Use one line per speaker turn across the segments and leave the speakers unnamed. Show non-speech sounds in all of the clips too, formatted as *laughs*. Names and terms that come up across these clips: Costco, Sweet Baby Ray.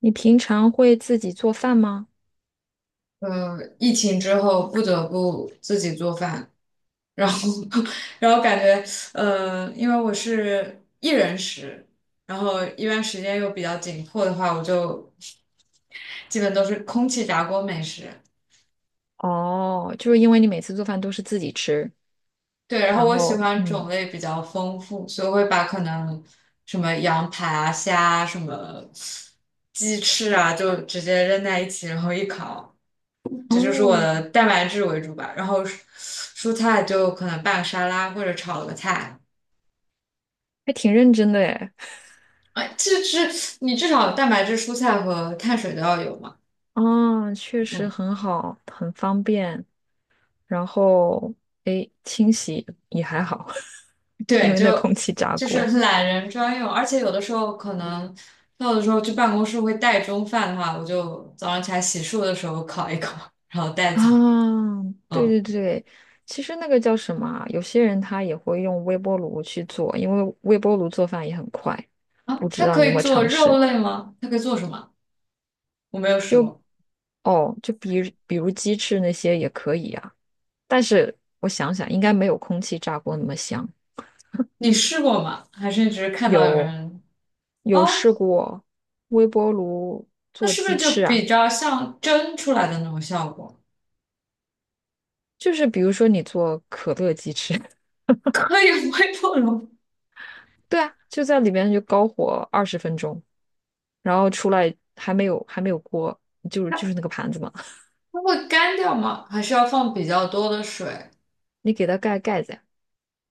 你平常会自己做饭吗？
疫情之后不得不自己做饭，然后 *laughs* 然后感觉因为我是一人食，然后一般时间又比较紧迫的话，我就基本都是空气炸锅美食。
哦，就是因为你每次做饭都是自己吃，
对，然后
然
我喜
后
欢种
嗯，
类比较丰富，所以我会把可能什么羊排啊、虾啊、什么鸡翅啊，就直接扔在一起，然后一烤。这就是我
哦，
的蛋白质为主吧。然后蔬菜就可能拌个沙拉或者炒个菜。
还挺认真的诶。
哎，这是你至少蛋白质、蔬菜和碳水都要有嘛？
啊，确实
嗯，
很好，很方便。然后诶，清洗也还好，*laughs* 因
对，
为那空
就
气炸
就是
锅
懒人专用。而且有的时候可能，那有的时候去办公室会带中饭的话，我就早上起来洗漱的时候烤一烤，然后带走。
啊，对
嗯。
对对，其实那个叫什么啊有些人他也会用微波炉去做，因为微波炉做饭也很快。
啊，
不知
它
道
可
你有
以
没有
做
尝
肉
试？
类吗？它可以做什么？我没有试过，
哦，就比如鸡翅那些也可以啊，但是我想想，应该没有空气炸锅那么香。
你试过吗？还是你只是看到有
有
人？
有
哦，
试过微波炉
那
做
是不是
鸡
就
翅啊，
比较像蒸出来的那种效果？
就是比如说你做可乐鸡翅，
*laughs* 可以微波炉，
*laughs* 对啊，就在里面就高火20分钟，然后出来还没有锅，就是那个盘子嘛，
它会干掉吗？还是要放比较多的水？
你给它盖盖子呀，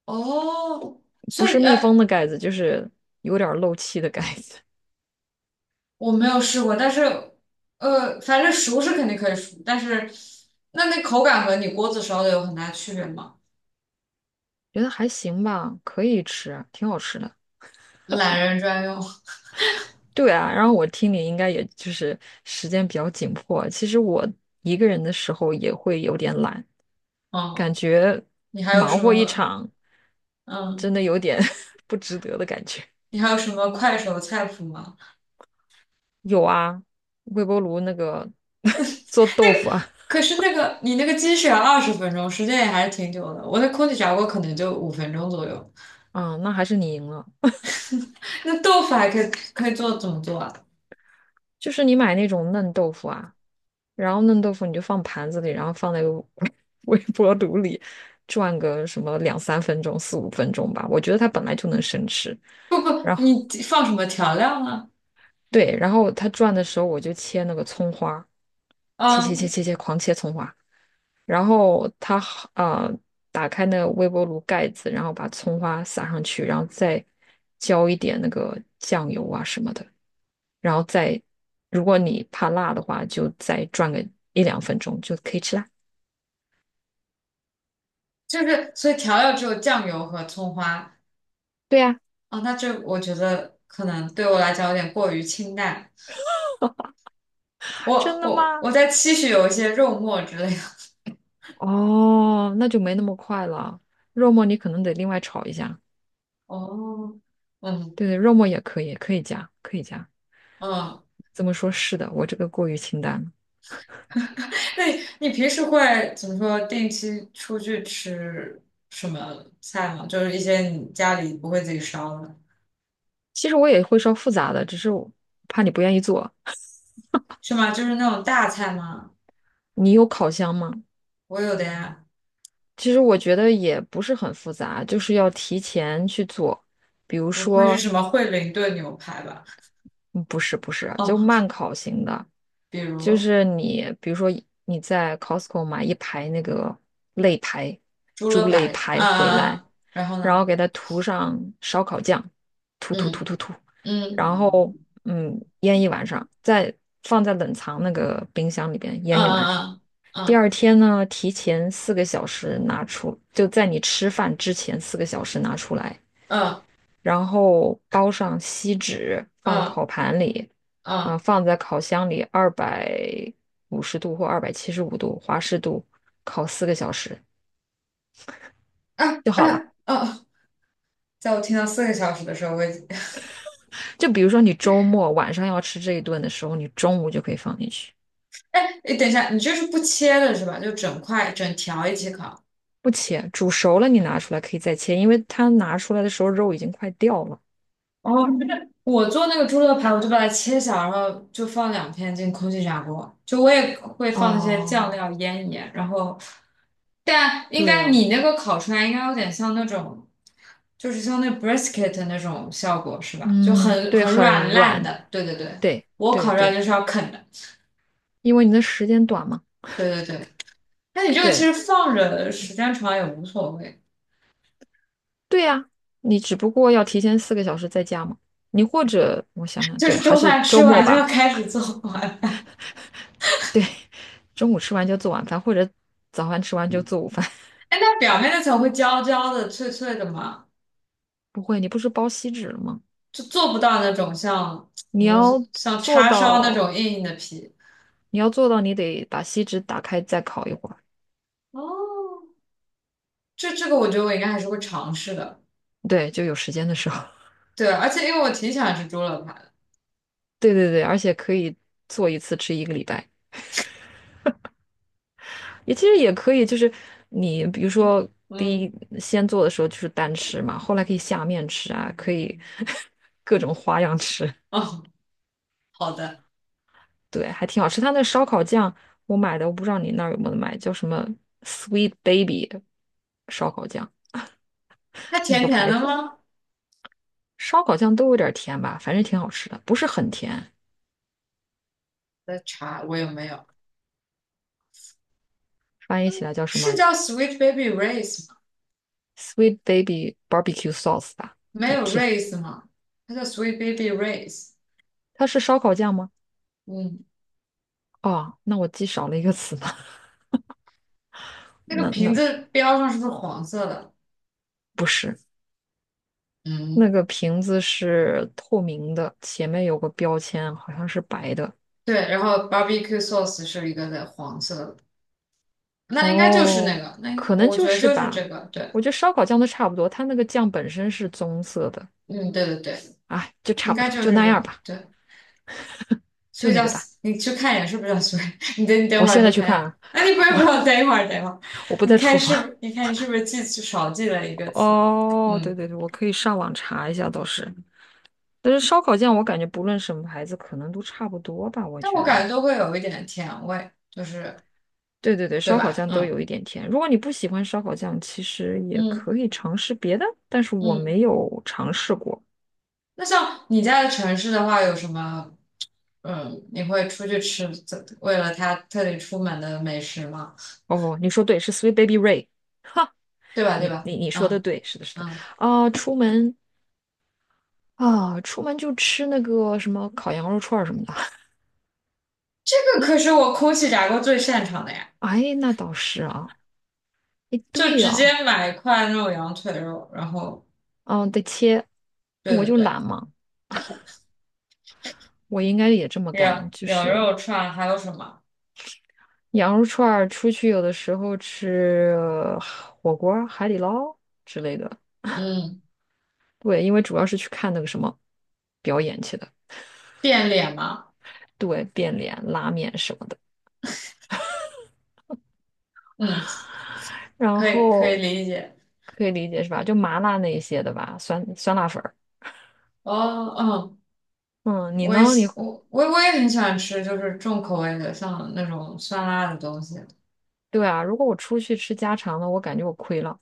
哦，所
不是
以
密封的盖子，就是有点儿漏气的盖子，
我没有试过，但是反正熟是肯定可以熟，但是那口感和你锅子烧的有很大区别吗？
*laughs* 觉得还行吧，可以吃啊，挺好吃的。
懒人专用。
对啊，然后我听你应该也就是时间比较紧迫。其实我一个人的时候也会有点懒，
嗯，
感觉
你还有
忙
什
活一
么？
场，
嗯，
真的有点 *laughs* 不值得的感觉。
你还有什么快手菜谱吗？
有啊，微波炉那个 *laughs* 做豆
那个，
腐啊，
可是那个你那个鸡是要20分钟，时间也还是挺久的。我那空气炸锅可能就5分钟左右。
啊、那还是你赢了。
那豆腐还可以做怎么做啊？
就是你买那种嫩豆腐啊，然后嫩豆腐你就放盘子里，然后放在 *laughs* 微波炉里转个什么两三分钟、四五分钟吧。我觉得它本来就能生吃。然后。
你放什么调料呢？
对，然后它转的时候，我就切那个葱花，切切切
嗯，
切切，狂切葱花。然后它好打开那个微波炉盖子，然后把葱花撒上去，然后再浇一点那个酱油啊什么的，然后再，如果你怕辣的话，就再转个一两分钟就可以吃啦。
就是所以调料只有酱油和葱花。
对呀，
啊。那这我觉得可能对我来讲有点过于清淡。
啊
我
真的吗？
我我在期许有一些肉末之类的。
哦，那就没那么快了。肉末你可能得另外炒一下。
哦，嗯
对对，肉末也可以，可以加，可以加。
嗯，
这么说，是的，我这个过于清淡了。
那你平时会怎么说？定期出去吃什么菜吗？就是一些你家里不会自己烧的。
其实我也会烧复杂的，只是我怕你不愿意做。
是吗？就是那种大菜吗？
你有烤箱吗？
我有的呀，
其实我觉得也不是很复杂，就是要提前去做。比如
不会是
说，
什么惠灵顿牛排吧？
嗯不是不是啊，就
哦，
慢烤型的，
比
就
如
是你比如说你在 Costco 买一排那个肋排，
猪
猪
肋
肋
排
排
啊
回
啊，
来，
啊然后
然
呢？
后给它涂上烧烤酱，涂涂涂
嗯
涂涂，
嗯
然后
嗯
腌一晚上，再放在冷藏那个冰箱里边
嗯
腌一晚上。
嗯
第二天呢，提前四个小时拿出，就在你吃饭之前四个小时拿出来，
嗯嗯嗯
然后包上锡纸，放
啊
烤盘里，啊、
啊
放在烤箱里250度或275度华氏度烤四个小时
啊！
就好了。
哦，在我听到4个小时的时候，我已经
就比如说你周末晚上要吃这一顿的时候，你中午就可以放进去，
*laughs* 哎，诶等一下，你这是不切的是吧？就整块整条一起烤。
不切，煮熟了你拿出来可以再切，因为它拿出来的时候肉已经快掉了。
哦，我做那个猪肉排，我就把它切小，然后就放2片进空气炸锅。就我也会放那些酱
哦，
料腌一腌，然后，但应
对
该
哦，
你那个烤出来应该有点像那种，就是像那 brisket 的那种效果是吧？就
嗯，
很
对，
很
很
软烂
软，
的。对对对，
对
我烤
对
出来
对，
就是要啃的。
因为你的时间短嘛。
对对对，那你这个其
对
实放着时间长也无所谓，
对呀，你只不过要提前四个小时在家嘛。你或者我想想，
就
对，
是 *laughs*
还
中
是
饭
周
吃
末
完就要
吧。
开始做晚饭。*laughs*
对，中午吃完就做晚饭，或者早饭吃完就做午饭。*laughs*
哎，那表面那层会焦焦的、脆脆的吗？
不会，你不是包锡纸了吗？
就做不到那种像，
你
怎么说，
要
像
做
叉烧那
到，
种硬硬的皮。
你要做到，你得把锡纸打开再烤一会儿。
哦，这个我觉得我应该还是会尝试的。
对，就有时间的时候。
对，而且因为我挺喜欢吃猪肋排的。
*laughs* 对对对，而且可以做一次吃一个礼拜。也其实也可以，就是你比如说第一
嗯。
先做的时候就是单吃嘛，后来可以下面吃啊，可以 *laughs* 各种花样吃，
哦，好的。
对，还挺好吃。他那烧烤酱我买的，我不知道你那儿有没有买，叫什么 Sweet Baby 烧烤酱
它
那
甜
个
甜
牌
的
子，
吗？
烧烤酱都有点甜吧，反正挺好吃的，不是很甜，
的茶我有没有？
翻译起来叫什
是
么
叫 Sweet Baby r a c e 吗？
Sweet Baby Barbecue Sauce 吧，
没
叫
有 r
甜。
a c e 吗？它叫 Sweet Baby r a c e。
它是烧烤酱吗？
嗯，
哦，那我记少了一个词呢，*laughs*
那个
那
瓶
那
子标上是不是黄色的？
不是。那
嗯，
个瓶子是透明的，前面有个标签，好像是白的。
对。然后 barbecue sauce 是一个的黄色的，那应该就是那
哦，
个，那应该
可能
我觉
就
得
是
就是这
吧。
个，对。
我觉得烧烤酱都差不多，它那个酱本身是棕色的，
嗯，对对对，
哎，就
应
差不
该
多，
就
就
是
那
这
样
个，
吧，
对，所
就
以
那
叫，
个吧。
你去看一眼是不是叫，所以 *laughs* 你等
我
会儿
现
去
在去
看。
看啊，
啊，你不要不要，等一会儿等一会儿，
我不在厨房。*laughs*
你是不是记少记了一个词？
哦，对
嗯，
对对，我可以上网查一下，倒是。但是烧烤酱我感觉不论什么牌子，可能都差不多吧，我
但我
觉
感觉
得。
都会有一点甜味，就是
对对对，
对
烧烤
吧？
酱都
嗯
有一点甜。如果你不喜欢烧烤酱，其实也
嗯
可以尝试别的，但是我
嗯。
没有尝试过。
那像你在城市的话，有什么？嗯，你会出去吃，为了他特地出门的美食吗？
哦，你说对，是 Sweet Baby Ray，
对吧？对
你
吧？
你你说的
嗯
对，是的，是的。
嗯，
啊、出门出门就吃那个什么烤羊肉串儿什么的。
这个可是我空气炸锅最擅长的呀。
哎，那倒是啊，哎，
就
对
直
呀、
接买一块那种羊腿肉，然后
嗯、得切，
对
我
对
就
对，
懒嘛，我应该也这么干，
羊
就
羊
是
肉串还有什么？
羊肉串儿出去有的时候吃火锅儿海底捞之类的。
嗯，
对，因为主要是去看那个什么表演去的，
变脸吗？
对，变脸、拉面什么的，
嗯，
然
可以
后
理解。
可以理解是吧？就麻辣那一些的吧，酸酸辣粉儿。
哦，嗯，
嗯，你
我也
呢？
喜我我我也很喜欢吃，就是重口味的，像那种酸辣的东西。
对啊，如果我出去吃家常的，我感觉我亏了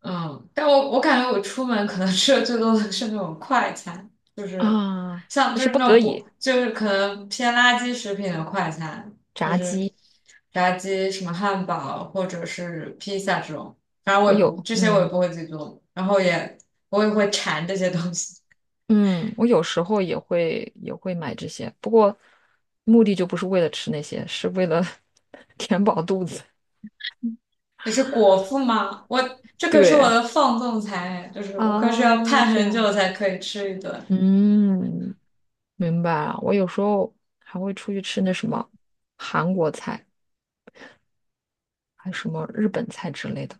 嗯，但我感觉我出门可能吃的最多的是那种快餐，就是
啊，
像，
那
就
是
是
不
那
得
种不
已。
就是可能偏垃圾食品的快餐，就
炸
是
鸡，
炸鸡、什么汉堡或者是披萨这种。反正我也
嗯
不会自己做，然后也我也会馋这些东西。
嗯，我有时候也会买这些，不过目的就不是为了吃那些，是为了 *laughs* 填饱肚子。
只是果腹吗？我这可是我
对
的放纵餐，就是我可是要
啊，
盼
这
很
样，
久才可以吃一顿。
嗯。明白了。我有时候还会出去吃那什么韩国菜，还什么日本菜之类的。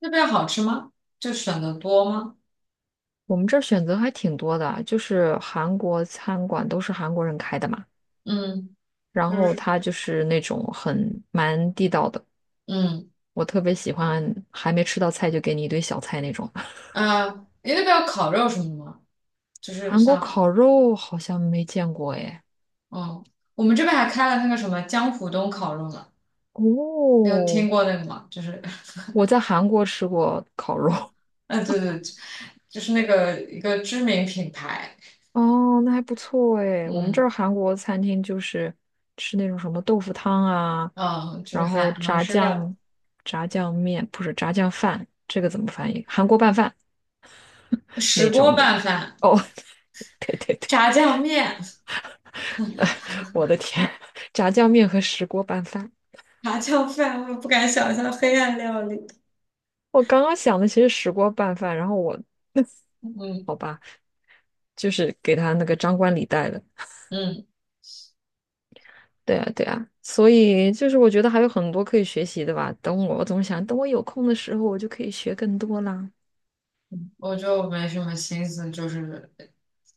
那边好吃吗？就选的多吗？
我们这儿选择还挺多的啊，就是韩国餐馆都是韩国人开的嘛，
嗯，
然
就
后
是
它就是那种很蛮地道的。
嗯。
我特别喜欢还没吃到菜就给你一堆小菜那种。*laughs*
呃，你那边有烤肉什么的吗？就是
韩国
像，
烤肉好像没见过哎，
嗯，我们这边还开了那个什么江浦东烤肉呢，你
哦，
有听过那个吗？就是，
我在韩国吃过烤肉，*laughs*
*laughs* 啊，对对，就是那个一个知名品牌。
哦，那还不错诶。我们这
嗯
儿韩国餐厅就是吃那种什么豆腐汤啊，
嗯，就是
然后
韩
炸
式料
酱、炸酱面，不是炸酱饭，这个怎么翻译？韩国拌饭
理，石
那
锅
种的。
拌饭、
哦，*laughs* 对对对，
炸酱面、
*laughs* 我的天，炸酱面和石锅拌饭。
炸酱饭，我不敢想象黑暗料理。
我刚刚想的其实石锅拌饭，然后我
嗯
就是给他那个张冠李戴了。
嗯，
对啊，对啊，所以就是我觉得还有很多可以学习的吧。等我，我总想等我有空的时候，我就可以学更多啦。
我就没什么心思，就是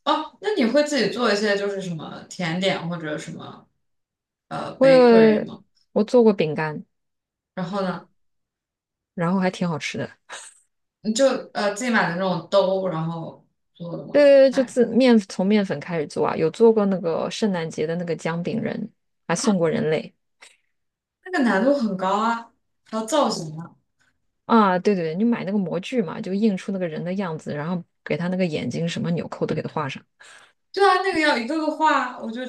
哦，那你会自己做一些就是什么甜点或者什么
我
bakery
有
吗？
我做过饼干，
然后呢？
然后还挺好吃的。
你就自己买的那种兜，然后做的
对
吗？
对对，就
哎，
从面粉开始做啊，有做过那个圣诞节的那个姜饼人，还送过人类
那个难度很高啊，还有造型啊。
啊。对对对，你买那个模具嘛，就印出那个人的样子，然后给他那个眼睛什么纽扣都给他画上。
对啊，那个要一个个画，我就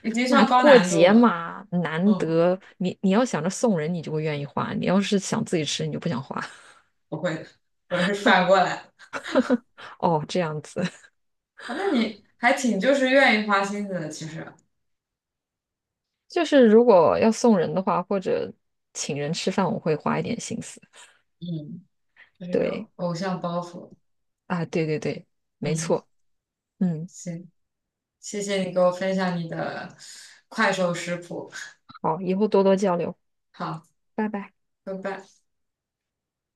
已经
那
上高
过
难度
节
了。
嘛，难
嗯，
得你要想着送人，你就会愿意花；你要是想自己吃，你就不想花。
不会的，我是反过来。
*laughs* 哦，这样子，
啊，那你还挺就是愿意花心思的，其实。
*laughs* 就是如果要送人的话，或者请人吃饭，我会花一点心思。
嗯，就是有
对。
偶像包袱。
啊，对对对，没
嗯，
错，嗯，
行，谢谢你给我分享你的快手食谱。
好，以后多多交流，
好，
拜拜。
拜拜。